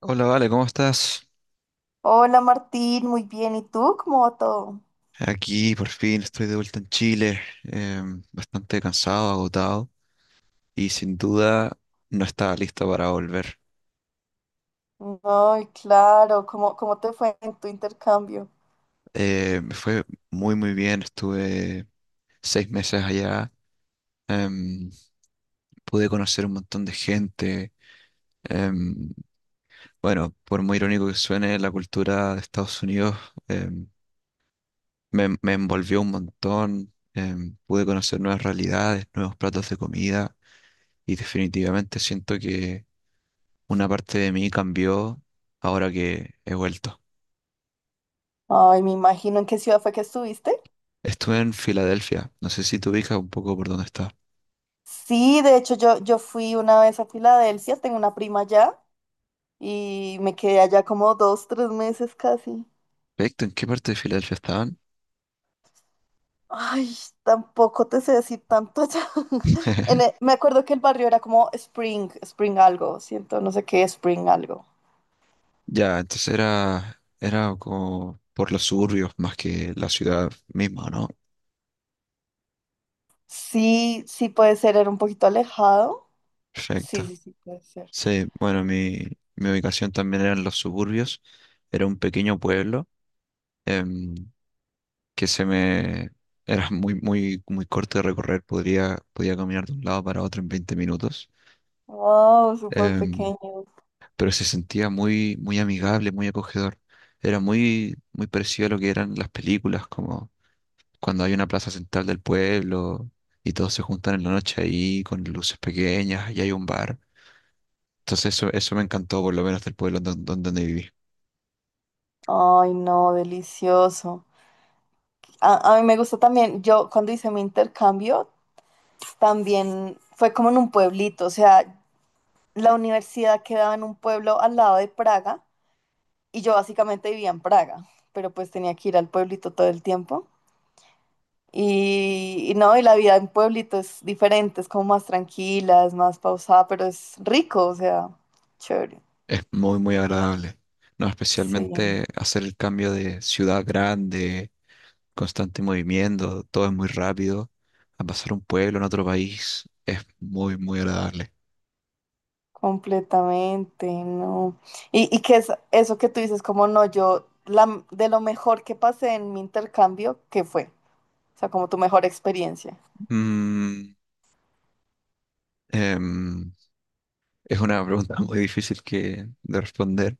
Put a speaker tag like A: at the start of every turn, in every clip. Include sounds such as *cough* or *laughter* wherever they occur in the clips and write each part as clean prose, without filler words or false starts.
A: Hola, Vale, ¿cómo estás?
B: Hola Martín, muy bien. ¿Y tú? ¿Cómo va todo?
A: Aquí por fin estoy de vuelta en Chile, bastante cansado, agotado y sin duda no estaba listo para volver.
B: Ay, claro, ¿cómo te fue en tu intercambio?
A: Me fue muy muy bien, estuve 6 meses allá, em, pude conocer un montón de gente. em, bueno, por muy irónico que suene, la cultura de Estados Unidos em, me envolvió un montón, pude conocer nuevas realidades, nuevos platos de comida. Y definitivamente siento que una parte de mí cambió ahora que he vuelto.
B: Ay, me imagino en qué ciudad fue que estuviste.
A: Estuve en Filadelfia. No sé si te ubicas un poco por dónde está.
B: Sí, de hecho yo fui una vez a Filadelfia, tengo una prima allá y me quedé allá como dos, 3 meses casi.
A: Perfecto, ¿en qué parte de Filadelfia estaban?
B: Ay, tampoco te sé decir tanto allá. *laughs* En
A: *laughs*
B: e- me acuerdo que el barrio era como Spring, Spring algo, siento, no sé qué, Spring algo.
A: Ya, entonces era como por los suburbios más que la ciudad misma, ¿no?
B: Sí, sí puede ser, era un poquito alejado. Sí,
A: Perfecto.
B: sí, sí, puede ser.
A: Sí, bueno, mi ubicación también era en los suburbios. Era un pequeño pueblo em, que se me... Era muy, muy, muy corto de recorrer. Podía caminar de un lado para otro en 20 minutos.
B: Wow, súper
A: Em,
B: pequeño.
A: pero se sentía muy, muy amigable, muy acogedor. Era muy, muy parecido a lo que eran las películas, como cuando hay una plaza central del pueblo y todos se juntan en la noche ahí con luces pequeñas y hay un bar. Entonces eso me encantó, por lo menos del pueblo donde viví.
B: Ay, no, delicioso. A mí me gusta también, yo cuando hice mi intercambio, también fue como en un pueblito, o sea, la universidad quedaba en un pueblo al lado de Praga y yo básicamente vivía en Praga, pero pues tenía que ir al pueblito todo el tiempo. Y no, y la vida en pueblito es diferente, es como más tranquila, es más pausada, pero es rico, o sea, chévere.
A: Es muy, muy agradable. No,
B: Sí.
A: especialmente hacer el cambio de ciudad grande, constante movimiento, todo es muy rápido, a pasar un pueblo en otro país, es muy, muy agradable.
B: Completamente, no. Y que es eso que tú dices, como no, yo, la, de lo mejor que pasé en mi intercambio, ¿qué fue? O sea, como tu mejor experiencia.
A: Mm, em, Es una pregunta *laughs* muy difícil de responder,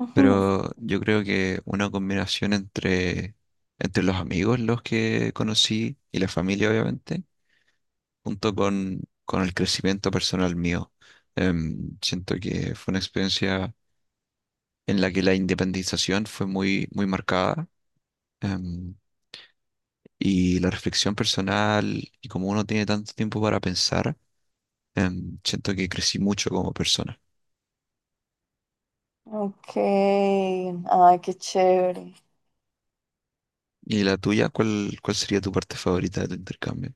B: Ujú.
A: pero yo creo que una combinación entre los amigos, los que conocí, y la familia, obviamente, junto con el crecimiento personal mío. Siento que fue una experiencia en la que la independización fue muy, muy marcada, em, y la reflexión personal, y como uno tiene tanto tiempo para pensar. Siento que crecí mucho como persona.
B: Ok, ay, qué chévere.
A: ¿Y la tuya? ¿Cuál sería tu parte favorita de tu intercambio?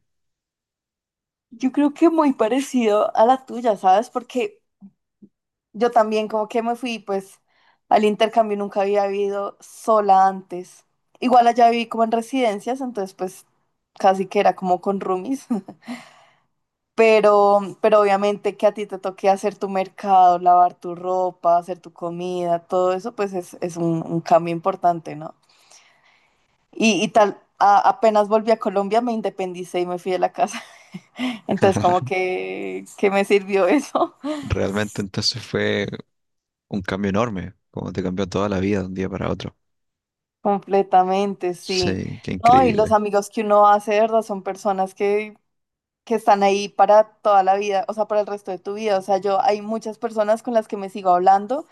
B: Yo creo que muy parecido a la tuya, ¿sabes? Porque yo también como que me fui, pues, al intercambio nunca había vivido sola antes. Igual allá viví como en residencias, entonces pues casi que era como con roomies. Pero obviamente que a ti te toque hacer tu mercado, lavar tu ropa, hacer tu comida, todo eso, pues es un cambio importante, ¿no? Y tal, apenas volví a Colombia, me independicé y me fui de la casa. *laughs* Entonces, como que me sirvió eso.
A: Realmente entonces fue un cambio enorme, como te cambió toda la vida de un día para otro.
B: *laughs* Completamente, sí.
A: Sí, qué
B: No, y los
A: increíble.
B: amigos que uno hace, de ¿verdad? Son personas que están ahí para toda la vida, o sea, para el resto de tu vida. O sea, yo hay muchas personas con las que me sigo hablando.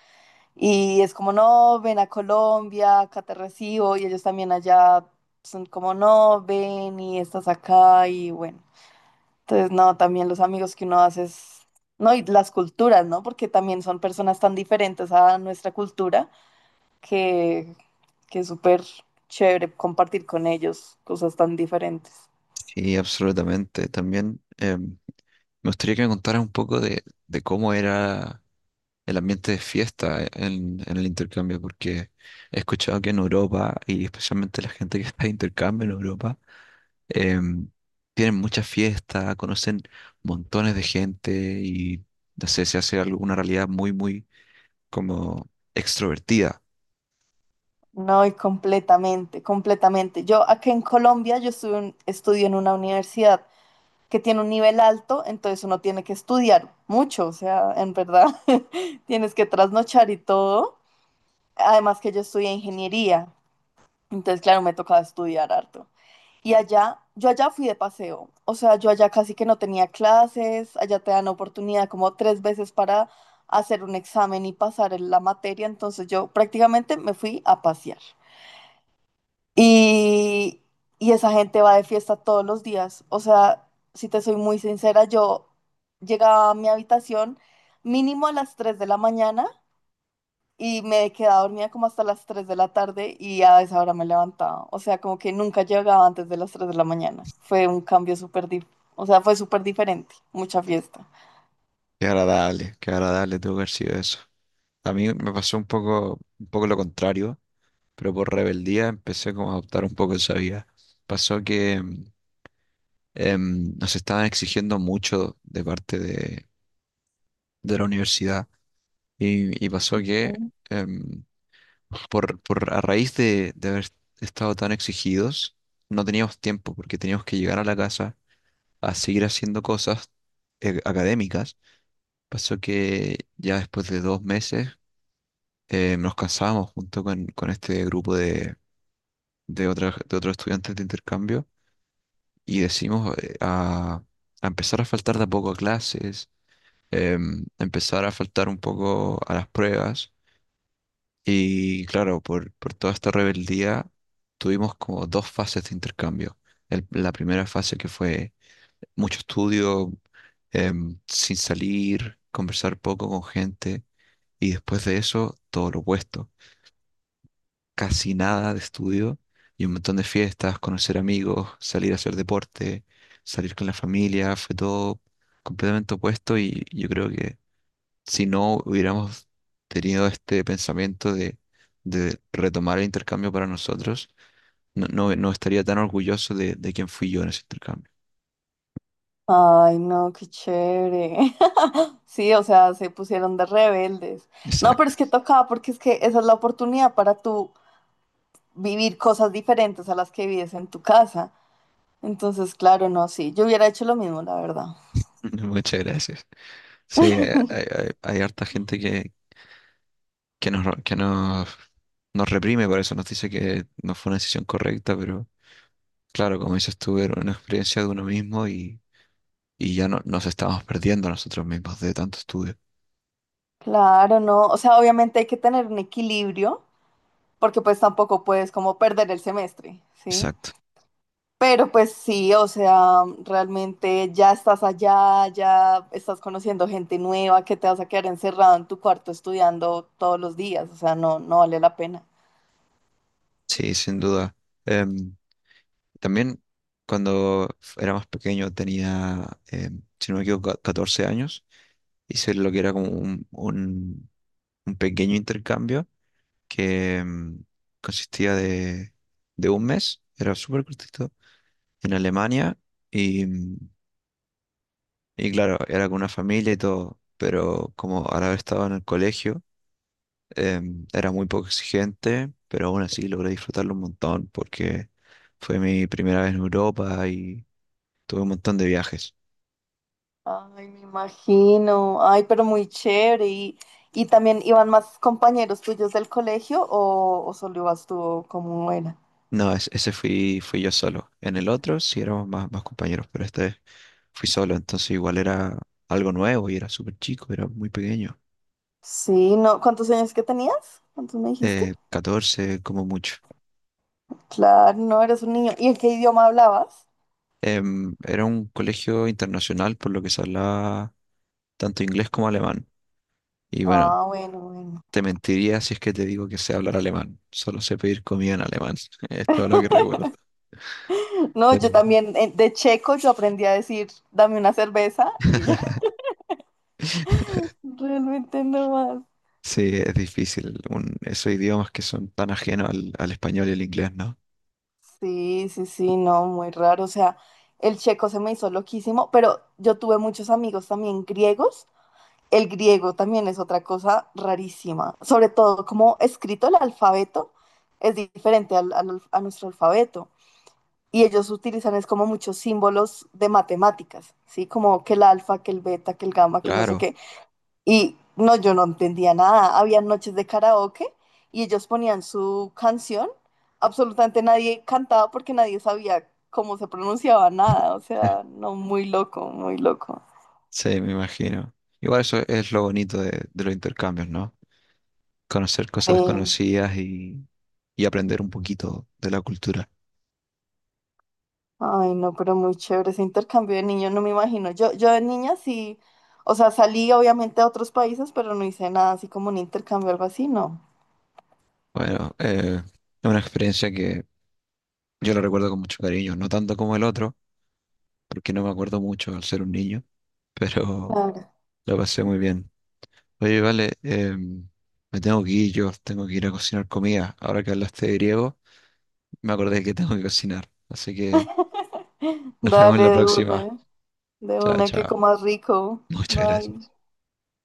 B: Y es como, no, ven a Colombia, acá te recibo, y ellos también allá son como, no, ven y estás acá, y bueno. Entonces, no, también los amigos que uno hace es, no, y las culturas, ¿no? Porque también son personas tan diferentes a nuestra cultura que, que es súper chévere compartir con ellos cosas tan diferentes.
A: Sí, absolutamente. También me gustaría que me contaras un poco de cómo era el ambiente de fiesta en el intercambio, porque he escuchado que en Europa, y especialmente la gente que *laughs* está de intercambio en Europa, em, tienen muchas fiestas, conocen montones de gente y, no sé, se hace alguna realidad muy, muy como extrovertida.
B: No, y completamente, completamente. Yo acá en Colombia, yo estuve estudio en una universidad que tiene un nivel alto, entonces uno tiene que estudiar mucho, o sea, en verdad *laughs* tienes que trasnochar y todo. Además que yo estudié ingeniería, entonces claro, me tocaba estudiar harto. Y allá, yo allá fui de paseo, o sea, yo allá casi que no tenía clases, allá te dan oportunidad como tres veces para hacer un examen y pasar en la materia, entonces yo prácticamente me fui a pasear. Y, y esa gente va de fiesta todos los días. O sea, si te soy muy sincera, yo llegaba a mi habitación mínimo a las 3 de la mañana y me quedaba dormida como hasta las 3 de la tarde y a esa hora me levantaba. O sea, como que nunca llegaba antes de las 3 de la mañana. Fue un cambio súper, o sea, fue súper diferente. Mucha fiesta.
A: Qué agradable tuvo que haber sido eso. A mí me pasó un poco lo contrario, pero por rebeldía empecé como a adoptar un poco esa vida. Pasó que nos estaban exigiendo mucho de parte de la universidad y pasó que
B: Mm.
A: em, a raíz de haber estado tan exigidos, no teníamos tiempo porque teníamos que llegar a la casa a seguir haciendo cosas académicas. Pasó que ya después de 2 meses nos cansábamos junto con este grupo de otros estudiantes de intercambio y decimos a empezar a faltar de a poco a clases, empezar a faltar un poco a las pruebas. Y claro, por toda esta rebeldía tuvimos como dos fases de intercambio. La primera fase que fue mucho estudio, sin salir, conversar poco con gente, y después de eso todo lo opuesto, casi nada de estudio y un montón de fiestas, conocer amigos, salir a hacer deporte, salir con la familia, fue todo completamente opuesto. Y yo creo que si no hubiéramos tenido este pensamiento de retomar el intercambio para nosotros, no estaría tan orgulloso de quién fui yo en ese intercambio.
B: Ay, no, qué chévere. *laughs* Sí, o sea, se pusieron de rebeldes. No, pero
A: Exacto.
B: es que tocaba porque es que esa es la oportunidad para tú vivir cosas diferentes a las que vives en tu casa. Entonces, claro, no, sí, yo hubiera hecho lo mismo, la verdad.
A: *laughs* Muchas gracias. Sí, hay harta gente que nos, que nos, nos reprime por eso, nos dice que no fue una decisión correcta, pero, claro, como dices tú, era una experiencia de uno mismo, y ya no, nos estábamos perdiendo nosotros mismos de tanto estudio.
B: Claro, no, o sea, obviamente hay que tener un equilibrio, porque pues tampoco puedes como perder el semestre, ¿sí?
A: Exacto.
B: Pero pues sí, o sea, realmente ya estás allá, ya estás conociendo gente nueva, que te vas a quedar encerrado en tu cuarto estudiando todos los días, o sea, no, no vale la pena.
A: Sí, sin duda. Em, También cuando era más pequeño tenía, si no me equivoco, 14 años. Hice lo que era como un pequeño intercambio que consistía de un mes, era súper cortito, en Alemania y, mm, y claro, era con una familia y todo, pero como al haber estado en el colegio. Era muy poco exigente, pero aún así logré disfrutarlo un montón porque fue mi primera vez en Europa y tuve un montón de viajes.
B: Ay, me imagino. Ay, pero muy chévere. ¿Y también iban más compañeros tuyos del colegio o solo ibas tú o cómo era?
A: No, ese fui yo solo. En el otro sí éramos más compañeros, pero este fui solo, entonces igual era algo nuevo y era súper chico, era muy pequeño.
B: Sí, no. ¿Cuántos años que tenías? ¿Cuántos me dijiste?
A: 14 como mucho.
B: Claro, no, eres un niño. ¿Y en qué idioma hablabas?
A: Era un colegio internacional por lo que se hablaba tanto inglés como alemán. Y bueno,
B: Ah, bueno, bueno.
A: te mentiría si es que te digo que sé hablar alemán. Solo sé pedir comida en alemán. *laughs* Es todo lo que recuerdo.
B: *laughs* No, yo
A: Pero-
B: también de checo yo aprendí a decir, dame una cerveza y ya.
A: *laughs*
B: *laughs* Realmente no más.
A: Sí, es difícil. Esos idiomas que son tan ajenos al español y al inglés, ¿no?
B: Sí, sí, sí, no, muy raro. O sea, el checo se me hizo loquísimo, pero yo tuve muchos amigos también griegos. El griego también es otra cosa rarísima, sobre todo como escrito el alfabeto es diferente a nuestro alfabeto y ellos utilizan es como muchos símbolos de matemáticas, ¿sí? Como que el alfa, que el beta, que el gamma, que el no sé
A: Claro.
B: qué. Y no, yo no entendía nada. Había noches de karaoke y ellos ponían su canción. Absolutamente nadie cantaba porque nadie sabía cómo se pronunciaba nada. O sea,
A: *laughs*
B: no, muy loco, muy loco.
A: Sí, me imagino. Igual eso es lo bonito de los intercambios, ¿no? Conocer cosas
B: Sí.
A: desconocidas y aprender un poquito de la cultura.
B: Ay, no, pero muy chévere ese intercambio de niños, no me imagino. Yo de niña sí, o sea, salí obviamente a otros países, pero no hice nada así como un intercambio o algo así, no.
A: Bueno, es una experiencia que yo la recuerdo con mucho cariño, no tanto como el otro, porque no me acuerdo mucho al ser un niño, pero
B: Claro.
A: *laughs* la pasé muy bien. Oye, Vale, me tengo que ir, yo tengo que ir a cocinar comida. Ahora que hablaste de griego, me acordé que tengo que cocinar. Así que nos vemos
B: Dale
A: en la próxima.
B: de
A: Chao,
B: una que
A: chao.
B: comas rico.
A: *laughs* Muchas
B: Bye.
A: gracias.